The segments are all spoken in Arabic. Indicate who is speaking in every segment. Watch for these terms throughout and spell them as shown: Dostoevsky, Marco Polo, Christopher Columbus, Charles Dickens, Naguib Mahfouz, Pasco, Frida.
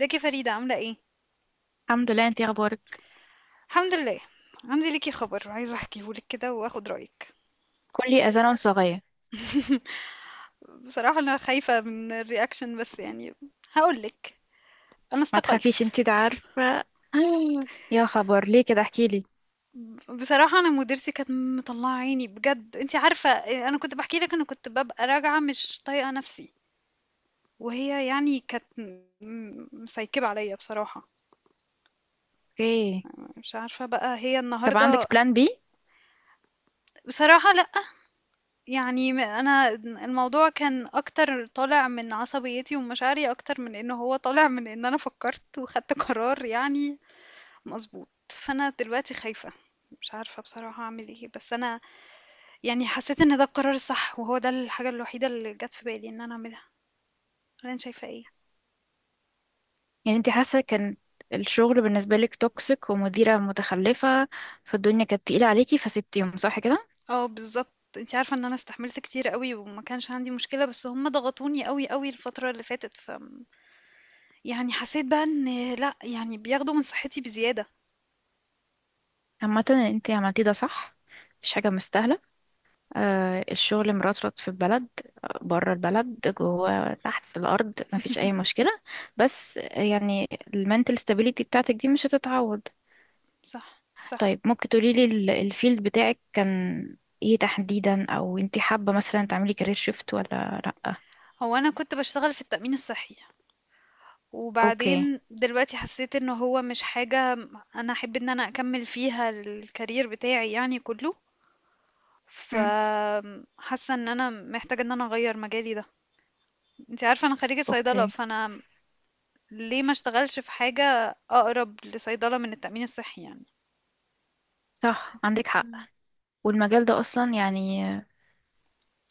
Speaker 1: ازيك يا فريدة عاملة ايه؟
Speaker 2: الحمد لله، انتي اخبارك؟
Speaker 1: الحمد لله. عندي ليكي خبر عايزة احكيهولك كده واخد رأيك.
Speaker 2: كلي اذان صغير.
Speaker 1: بصراحة انا خايفة من الرياكشن بس يعني هقولك. انا
Speaker 2: ما
Speaker 1: استقلت.
Speaker 2: تخافيش، انتي ده عارفه. يا خبر، ليه كده؟ احكيلي.
Speaker 1: بصراحة انا مديرتي كانت مطلعة عيني بجد انتي عارفة. انا كنت بحكي لك انا كنت ببقى راجعة مش طايقة نفسي. وهي يعني كانت مسيكبة عليا بصراحة.
Speaker 2: اوكي.
Speaker 1: مش عارفة بقى هي
Speaker 2: طب عندك
Speaker 1: النهاردة.
Speaker 2: بلان بي؟
Speaker 1: بصراحة لأ. يعني أنا الموضوع كان أكتر طالع من عصبيتي ومشاعري أكتر من إن هو طالع من إن أنا فكّرت وخدت قرار يعني مضبوط، فأنا دلوقتي خايفة، مش عارفة بصراحة أعمل إيه، بس أنا يعني حسّيت إن ده القرار الصح وهو ده الحاجة الوحيدة اللي جات في بالي إن أنا أعملها، والّا أنتِ شايفة إيه؟
Speaker 2: يعني انتي حاسه كان الشغل بالنسبه لك توكسيك ومديره متخلفه، فالدنيا كانت تقيله عليكي فسبتيهم، صح كده؟
Speaker 1: آه بالضبط، أنتِ عارفة إن أنا استحملت كتير أوي وما كانش عندي مشكلة، بس هُم ضغطوني أوي، أوي الفترة اللي فاتت، يعني حسّيت بقى إن لأ، يعني بياخدوا من صحّتي بزيادة.
Speaker 2: عامه انتي عملتيه، ده صح. مفيش حاجه مستاهله. آه، الشغل مرطرط في البلد، بره البلد، جوه، تحت الارض، مفيش اي مشكله. بس يعني المنتل ستابيليتي بتاعتك دي مش هتتعوض.
Speaker 1: صح، صح.
Speaker 2: طيب، ممكن تقوليلي الفيلد بتاعك كان ايه تحديدا؟ او انتي حابة مثلا تعملي كارير شيفت ولا لأ؟
Speaker 1: هو انا كنت بشتغل في التأمين الصحي
Speaker 2: اوكي.
Speaker 1: وبعدين دلوقتي حسيت انه هو مش حاجة انا احب ان انا اكمل فيها الكارير بتاعي يعني كله.
Speaker 2: مم.
Speaker 1: فحاسة ان انا محتاجة ان انا اغير مجالي ده. انت عارفة انا خريجة صيدلة
Speaker 2: اوكي.
Speaker 1: فانا ليه ما اشتغلش في حاجة اقرب لصيدلة من التأمين الصحي يعني.
Speaker 2: صح، عندك حق.
Speaker 1: مم.
Speaker 2: والمجال ده اصلا يعني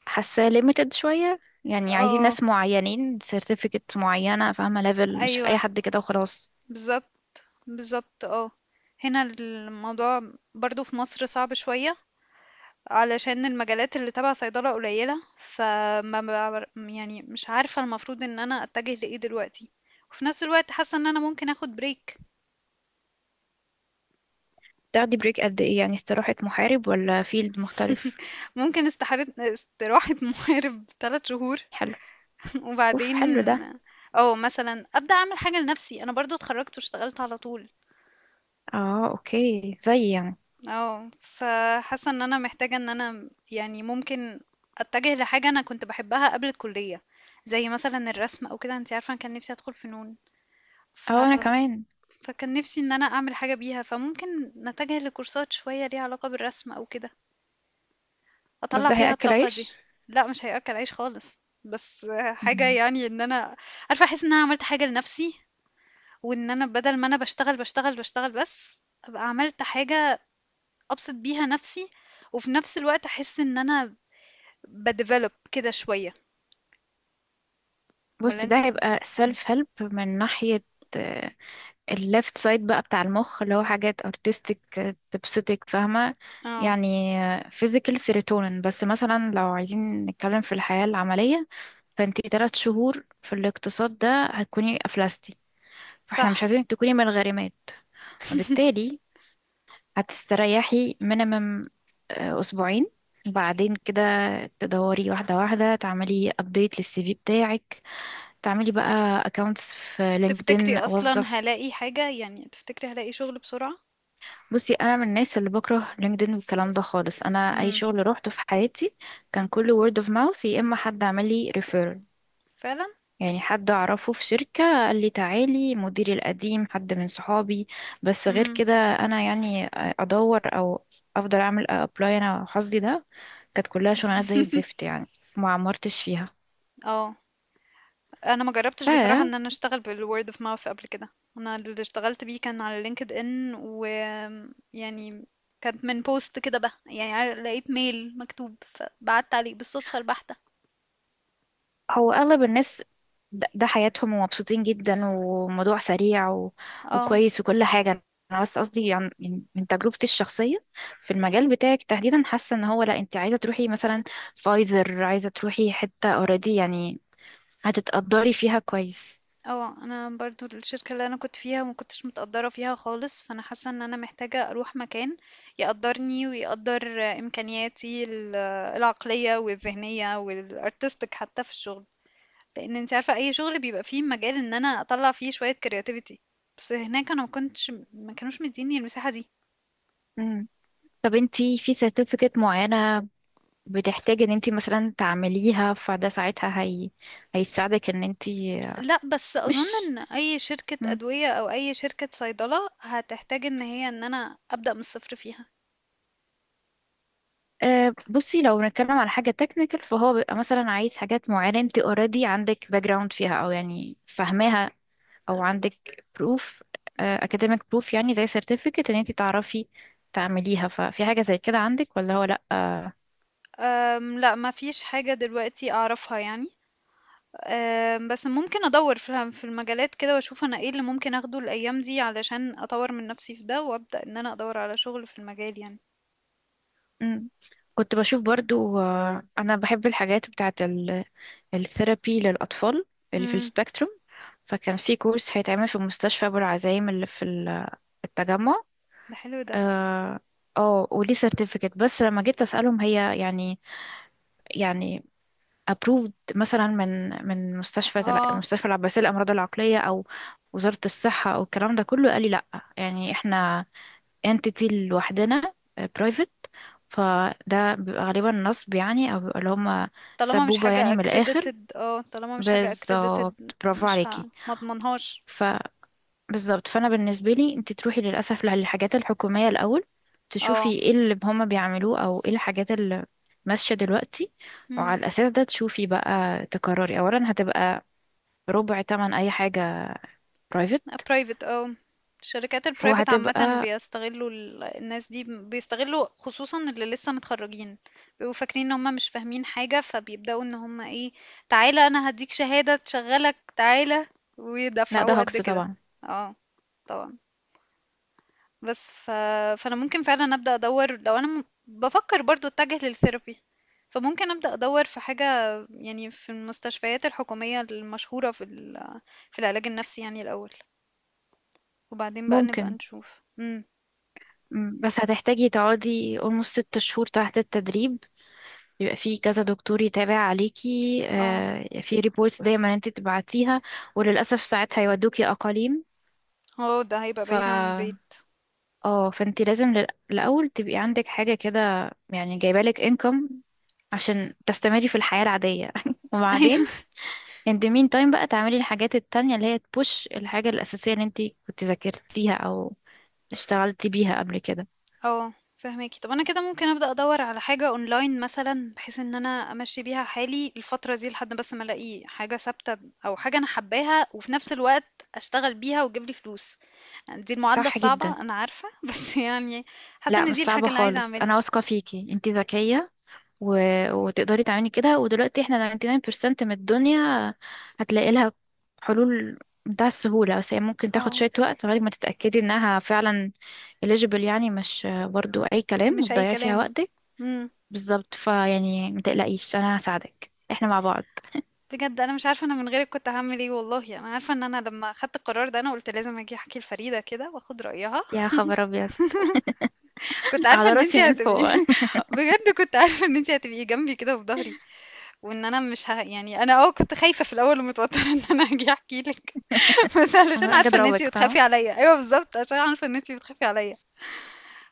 Speaker 2: حاساه ليميتد شوية، يعني عايزين
Speaker 1: اه،
Speaker 2: ناس معينين، سيرتيفيكت معينة، فاهمة، ليفل، مش
Speaker 1: ايوه
Speaker 2: اي حد كده وخلاص.
Speaker 1: بالظبط. بالظبط اه. هنا الموضوع. برضو في مصر صعب شوية علشان المجالات اللي تبع صيدلة قليلة، يعني مش عارفة المفروض ان انا اتجه لايه دلوقتي. وفي نفس الوقت حاسة ان انا ممكن اخد بريك.
Speaker 2: تاخدي بريك قد ايه؟ يعني استراحة محارب ولا فيلد مختلف؟
Speaker 1: ممكن استراحة محارب ثلاث شهور.
Speaker 2: حلو. اوف،
Speaker 1: وبعدين
Speaker 2: حلو ده.
Speaker 1: او مثلا ابدا اعمل حاجة لنفسي، انا برضو اتخرجت واشتغلت على طول.
Speaker 2: اه اوكي، زي يعني.
Speaker 1: اه فحاسة ان انا محتاجة ان انا يعني ممكن اتجه لحاجة انا كنت بحبها قبل الكلية، زي مثلا الرسم او كده، انت عارفة انا كان نفسي ادخل فنون. ف
Speaker 2: اه، انا كمان.
Speaker 1: فكان نفسي إن أنا أعمل حاجة بيها، فممكن نتجه لكورسات شوية ليها علاقة بالرسم أو كده،
Speaker 2: بس
Speaker 1: أطلّع
Speaker 2: ده
Speaker 1: فيها
Speaker 2: هياكل
Speaker 1: الطاقة دي.
Speaker 2: عيش؟
Speaker 1: لأ، مش هيأكل عيش خالص، بس حاجة يعني إن أنا عارفة أحس إن أنا عملت حاجة لنفسي، وإن أنا بدل ما أنا باشتغل، باشتغل، باشتغل بس، أبقى عملت حاجة أبسط بيها نفسي، وفي نفس الوقت أحس إن أنا باdevelop كده شوية، والّا
Speaker 2: بصي، ده
Speaker 1: أنتِ.
Speaker 2: هيبقى
Speaker 1: إمم،
Speaker 2: self help من ناحية الليفت سايد بقى بتاع المخ اللي هو حاجات artistic، آه، تبسطك، فاهمة؟
Speaker 1: آه،
Speaker 2: يعني آه، physical serotonin. بس مثلا لو عايزين نتكلم في الحياة العملية، فانتي 3 شهور في الاقتصاد ده هتكوني أفلستي، فاحنا مش
Speaker 1: صح.
Speaker 2: عايزينك تكوني من الغارمات. فبالتالي هتستريحي minimum آه، أسبوعين، بعدين كده تدوري واحدة واحدة، تعملي update للسي في بتاعك، تعملي بقى اكونتس في
Speaker 1: تفتكري
Speaker 2: لينكدين
Speaker 1: أصلًا
Speaker 2: اوظف.
Speaker 1: هالاقي حاجة؟ يعني تفتكري هالاقي شغل بسرعة؟
Speaker 2: بصي انا من الناس اللي بكره لينكدين والكلام ده خالص، انا اي
Speaker 1: إمم،
Speaker 2: شغل روحته في حياتي كان كله word of mouth، يا اما حد عمل لي referral،
Speaker 1: فعلًا؟
Speaker 2: يعني حد اعرفه في شركة قال لي تعالي، مديري القديم حد من صحابي. بس غير
Speaker 1: إمم،
Speaker 2: كده انا يعني ادور او افضل اعمل ابلاي، انا حظي ده كانت كلها شغلانات زي الزفت يعني، ما عمرتش فيها.
Speaker 1: آه. انا ما جربتش بصراحه ان انا اشتغل بالword of mouth قبل كده. انا اللي اشتغلت بيه كان على لينكد ان، و يعني كانت من بوست كده بقى، يعني لقيت ميل مكتوب فبعت عليه بالصدفه البحته.
Speaker 2: هو اغلب الناس ده حياتهم ومبسوطين جدا وموضوع سريع و...
Speaker 1: اه.
Speaker 2: وكويس وكل حاجة. انا بس قصدي عن يعني من تجربتي الشخصية في المجال بتاعك تحديدا، حاسة ان هو لا، انت عايزة تروحي مثلا فايزر، عايزة تروحي حتة اوريدي يعني هتتقدري فيها كويس.
Speaker 1: اه انا برضو الشركه اللي انا كنت فيها ما كنتش متقدره فيها خالص، فانا حاسه ان انا محتاجه اروح مكان يقدرني ويقدر امكانياتي العقليه والذهنيه والارتستيك حتى في الشغل. لان انت عارفه اي شغل بيبقى فيه مجال ان انا اطلع فيه شويه كرياتيفيتي. بس هناك انا ما كانوش مديني المساحه دي.
Speaker 2: مم. طب انت في سيرتيفيكت معينة بتحتاجي ان انت مثلا تعمليها فده ساعتها هي... هيساعدك ان انت
Speaker 1: لا بس اظن
Speaker 2: مش
Speaker 1: ان اي شركه ادويه او اي شركه صيدله هتحتاج ان هي ان انا ابدا من الصفر فيها.
Speaker 2: أه. بصي لو بنتكلم على حاجة تكنيكال فهو بيبقى مثلا عايز حاجات معينة انت اوريدي عندك باك جراوند فيها او يعني فاهماها، او عندك بروف اكاديميك بروف يعني زي سيرتيفيكت ان انت تعرفي تعمليها. ففي حاجة زي كده عندك ولا هو لا أه؟
Speaker 1: لا ما فيش حاجه دلوقتي اعرفها يعني. بس ممكن ادور في المجالات كده واشوف انا ايه اللي ممكن اخده الايام دي علشان اطور من نفسي في ده وابدا ان انا ادور على شغل في المجال يعني.
Speaker 2: مم. كنت بشوف برضو انا بحب الحاجات بتاعت الثيرابي للأطفال اللي في
Speaker 1: امم.
Speaker 2: السبيكتروم، فكان في كورس هيتعمل في مستشفى أبو العزايم اللي في التجمع.
Speaker 1: ده حلو ده.
Speaker 2: اه. آه، وليه سيرتيفيكت، بس لما جيت اسالهم هي يعني يعني approved مثلا من مستشفى
Speaker 1: اه
Speaker 2: مستشفى العباسية للأمراض العقلية أو وزارة الصحة أو الكلام ده كله، قال لي لأ، يعني احنا entity لوحدنا آه، private. فده بيبقى غالبا نصب يعني، أو بيبقى اللي هما
Speaker 1: طالما مش
Speaker 2: سبوبة يعني
Speaker 1: حاجة
Speaker 2: من الآخر.
Speaker 1: accredited. اه طالما مش حاجة accredited.
Speaker 2: بالظبط، برافو
Speaker 1: مش ه...
Speaker 2: عليكي.
Speaker 1: ما اضمنهاش.
Speaker 2: بالظبط، فانا بالنسبه لي انت تروحي للاسف للحاجات الحكوميه الاول، تشوفي
Speaker 1: اه.
Speaker 2: ايه اللي هما بيعملوه او ايه الحاجات اللي ماشيه دلوقتي،
Speaker 1: امم.
Speaker 2: وعلى الاساس ده تشوفي بقى تقرري اولا. هتبقى ربع تمن اي حاجه برايفت
Speaker 1: private اه. الشركات البرايفت عامة
Speaker 2: وهتبقى...
Speaker 1: بيستغلوا الناس دي، بيستغلوا خصوصا اللي لسه متخرجين. بيبقوا فاكرين ان هم مش فاهمين حاجة، فبيبدأوا ان هم ايه، تعالى انا هديك شهادة تشغلك تعالى
Speaker 2: لا، ده
Speaker 1: ويدفعوه قد
Speaker 2: هوكس
Speaker 1: كده.
Speaker 2: طبعا.
Speaker 1: اه طبعا. بس ف... فانا ممكن فعلا ابدا ادور، لو انا بفكر برضو اتجه للثيرابي. فممكن ابدا ادور في حاجه، يعني في المستشفيات الحكوميه المشهوره في العلاج النفسي يعني الاول، وبعدين بقى نبقى
Speaker 2: ممكن.
Speaker 1: نشوف. امم.
Speaker 2: بس هتحتاجي تقعدي almost 6 شهور تحت التدريب، يبقى في كذا دكتور يتابع عليكي
Speaker 1: اه.
Speaker 2: آه، في ريبورتس دايما انت تبعتيها، وللاسف ساعات هيودوكي اقاليم.
Speaker 1: اه ده هيبقى
Speaker 2: ف
Speaker 1: بعيد عن البيت.
Speaker 2: اه فانت لازم الاول تبقي عندك حاجه كده يعني جايبالك انكم عشان تستمري في الحياه العاديه.
Speaker 1: ايوه.
Speaker 2: وبعدين انت مين تايم بقى تعملي الحاجات التانية اللي هي تبوش الحاجه الاساسيه اللي انت كنت ذاكرتيها او اشتغلتي بيها قبل كده.
Speaker 1: اه فهماكي. طب انا كده ممكن ابدا ادور على حاجه اونلاين مثلا، بحيث ان انا امشي بيها حالي الفتره دي لحد بس ما الاقي حاجه ثابته. او حاجه انا حباها وفي نفس الوقت اشتغل بيها وتجيب لي فلوس. يعني دي المعادلة
Speaker 2: صح جدا.
Speaker 1: الصعبة، أنا عارفة، بس يعني حاسة
Speaker 2: لا
Speaker 1: إن
Speaker 2: مش
Speaker 1: دي الحاجة
Speaker 2: صعبه
Speaker 1: اللي عايزة
Speaker 2: خالص، انا
Speaker 1: أعملها.
Speaker 2: واثقه فيكي، انت ذكيه و... وتقدري تعملي كده. ودلوقتي احنا 99% من الدنيا هتلاقي لها حلول، بتاع السهولة. بس هي ممكن تاخد
Speaker 1: اه.
Speaker 2: شوية وقت لغاية ما تتأكدي انها فعلا eligible، يعني مش برضو اي كلام
Speaker 1: مش أي
Speaker 2: وتضيعي فيها
Speaker 1: كلام.
Speaker 2: وقتك.
Speaker 1: امم.
Speaker 2: بالظبط، فيعني ما تقلقيش، انا هساعدك، احنا مع بعض.
Speaker 1: بجد أنا مش عارفة أنا من غيرك كنت هعمل إيه. والله أنا عارفة إن أنا لما خدت القرار ده أنا قلت لازم أجي أحكي لفريدة كده وأخد رأيها.
Speaker 2: يا خبر ابيض.
Speaker 1: كنت عارفة
Speaker 2: على
Speaker 1: إن أنتي
Speaker 2: راسي من
Speaker 1: هتبقي.
Speaker 2: فوق.
Speaker 1: بجد كنت عارفة إن أنتي هتبقي جنبي كده وفي ظهري. وإن أنا مش ه... يعني أنا كنت خايفة في الأول ومتوترة إن أنا أجي أحكي لك. بس علشان
Speaker 2: انا اجي
Speaker 1: عارفة إن أنتي
Speaker 2: اضربك،
Speaker 1: بتخافي
Speaker 2: فاهمة؟
Speaker 1: عليا. أيوه بالظبط، عشان عارفة إن أنتي بتخافي عليا.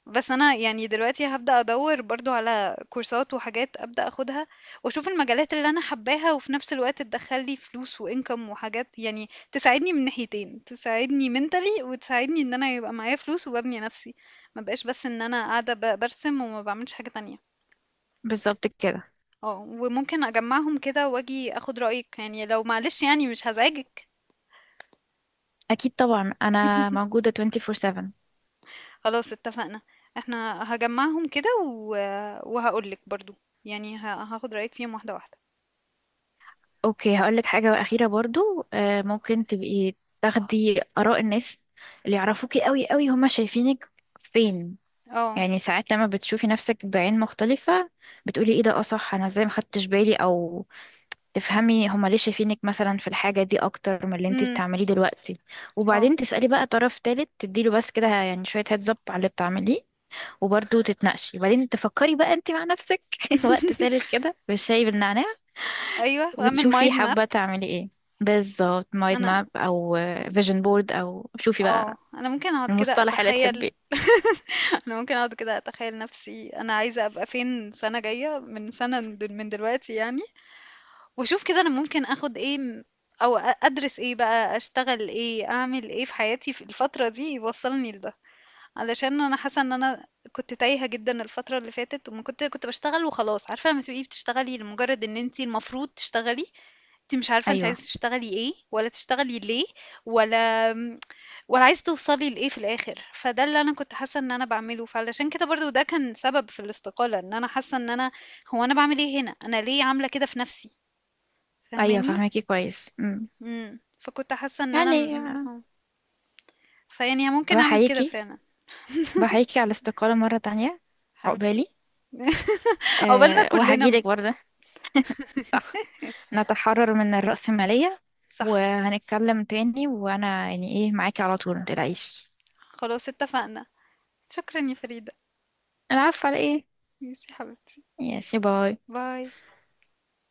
Speaker 1: بس انا يعني دلوقتي هبدأ ادور برضو على كورسات وحاجات ابدأ اخدها. واشوف المجالات اللي انا حباها وفي نفس الوقت تدخل لي فلوس وانكم، وحاجات يعني تساعدني من ناحيتين، تساعدني منتلي وتساعدني ان انا يبقى معايا فلوس وببني نفسي. ما بقاش بس ان انا قاعدة برسم وما بعملش حاجة تانية.
Speaker 2: بالظبط كده.
Speaker 1: اه وممكن اجمعهم كده واجي اخد رأيك، يعني لو معلش، يعني مش هزعجك.
Speaker 2: اكيد طبعا، انا موجودة 24/7.
Speaker 1: خلاص اتفقنا. احنا هجمعهم كده وهقولك برضو، يعني هاخد رأيك فيهم واحدة واحدة.
Speaker 2: اوكي، هقولك حاجة أخيرة برضو آه، ممكن تبقي تاخدي آراء الناس اللي يعرفوكي قوي قوي، هما شايفينك فين.
Speaker 1: اه.
Speaker 2: يعني ساعات لما بتشوفي نفسك بعين مختلفة بتقولي ايه ده، اه صح، انا ازاي ما خدتش بالي، او تفهمي هما ليه شايفينك مثلا في الحاجة دي اكتر من اللي انتي بتعمليه دلوقتي.
Speaker 1: اه
Speaker 2: وبعدين تسألي بقى طرف تالت تديله بس كده يعني شوية هيدز اب على اللي بتعمليه وبرضه تتناقشي. وبعدين تفكري بقى انتي مع نفسك وقت تالت كده بالشاي بالنعناع،
Speaker 1: ايوه واعمل
Speaker 2: وتشوفي
Speaker 1: مايند ماب.
Speaker 2: حابة تعملي ايه. بالظبط، مايند
Speaker 1: انا
Speaker 2: ماب او فيجن بورد، او شوفي
Speaker 1: اه
Speaker 2: بقى
Speaker 1: انا ممكن اقعد كده
Speaker 2: المصطلح اللي
Speaker 1: اتخيل.
Speaker 2: تحبيه.
Speaker 1: انا ممكن اقعد كده اتخيل نفسي انا عايزه ابقى فين سنه جايه من سنه من دلوقتي يعني. واشوف كده انا ممكن اخد ايه، او ادرس ايه بقى، اشتغل ايه، اعمل ايه في حياتي في الفتره دي يوصلني لده. علشان انا حاسه ان انا كنت تايهه جدا الفتره اللي فاتت، وما كنت بشتغل وخلاص. عارفه لما تبقي بتشتغلي لمجرد ان انتي المفروض تشتغلي، أنتِ مش عارفة أنتِ
Speaker 2: ايوه،
Speaker 1: عايزة تشتغلي إيه، ولا تشتغلي ليه، ولا آمم، ولا عايزة توصلي لإيه في الآخر، فده اللي أنا كنت حاسة إن أنا باعمله، فعلشان كده برضه ده كان سبب في الاستقالة، إن أنا حاسة إن أنا، هو أنا باعمل إيه هنا، أنا ليه عاملة كده في نفسي،
Speaker 2: ايوه
Speaker 1: فاهماني؟
Speaker 2: فهماكي كويس. مم.
Speaker 1: إمم، فكنت حاسة إن أنا
Speaker 2: يعني آه،
Speaker 1: آه، فيعني ممكن أعمل كده
Speaker 2: بحييكي،
Speaker 1: فعلًا،
Speaker 2: بحييكي على الاستقالة مرة تانية.
Speaker 1: حاولت.
Speaker 2: عقبالي.
Speaker 1: عقبالنا
Speaker 2: أه،
Speaker 1: كلنا
Speaker 2: وهجيلك برضه. صح، نتحرر من الرأسمالية.
Speaker 1: صح،
Speaker 2: وهنتكلم تاني، وانا يعني ايه، معاكي على طول، متقلقيش.
Speaker 1: خلاص اتفقنا، شكرًا يا فريدة،
Speaker 2: العفو على ايه.
Speaker 1: ماشي يا حبيبتي،
Speaker 2: يا باي.
Speaker 1: باي.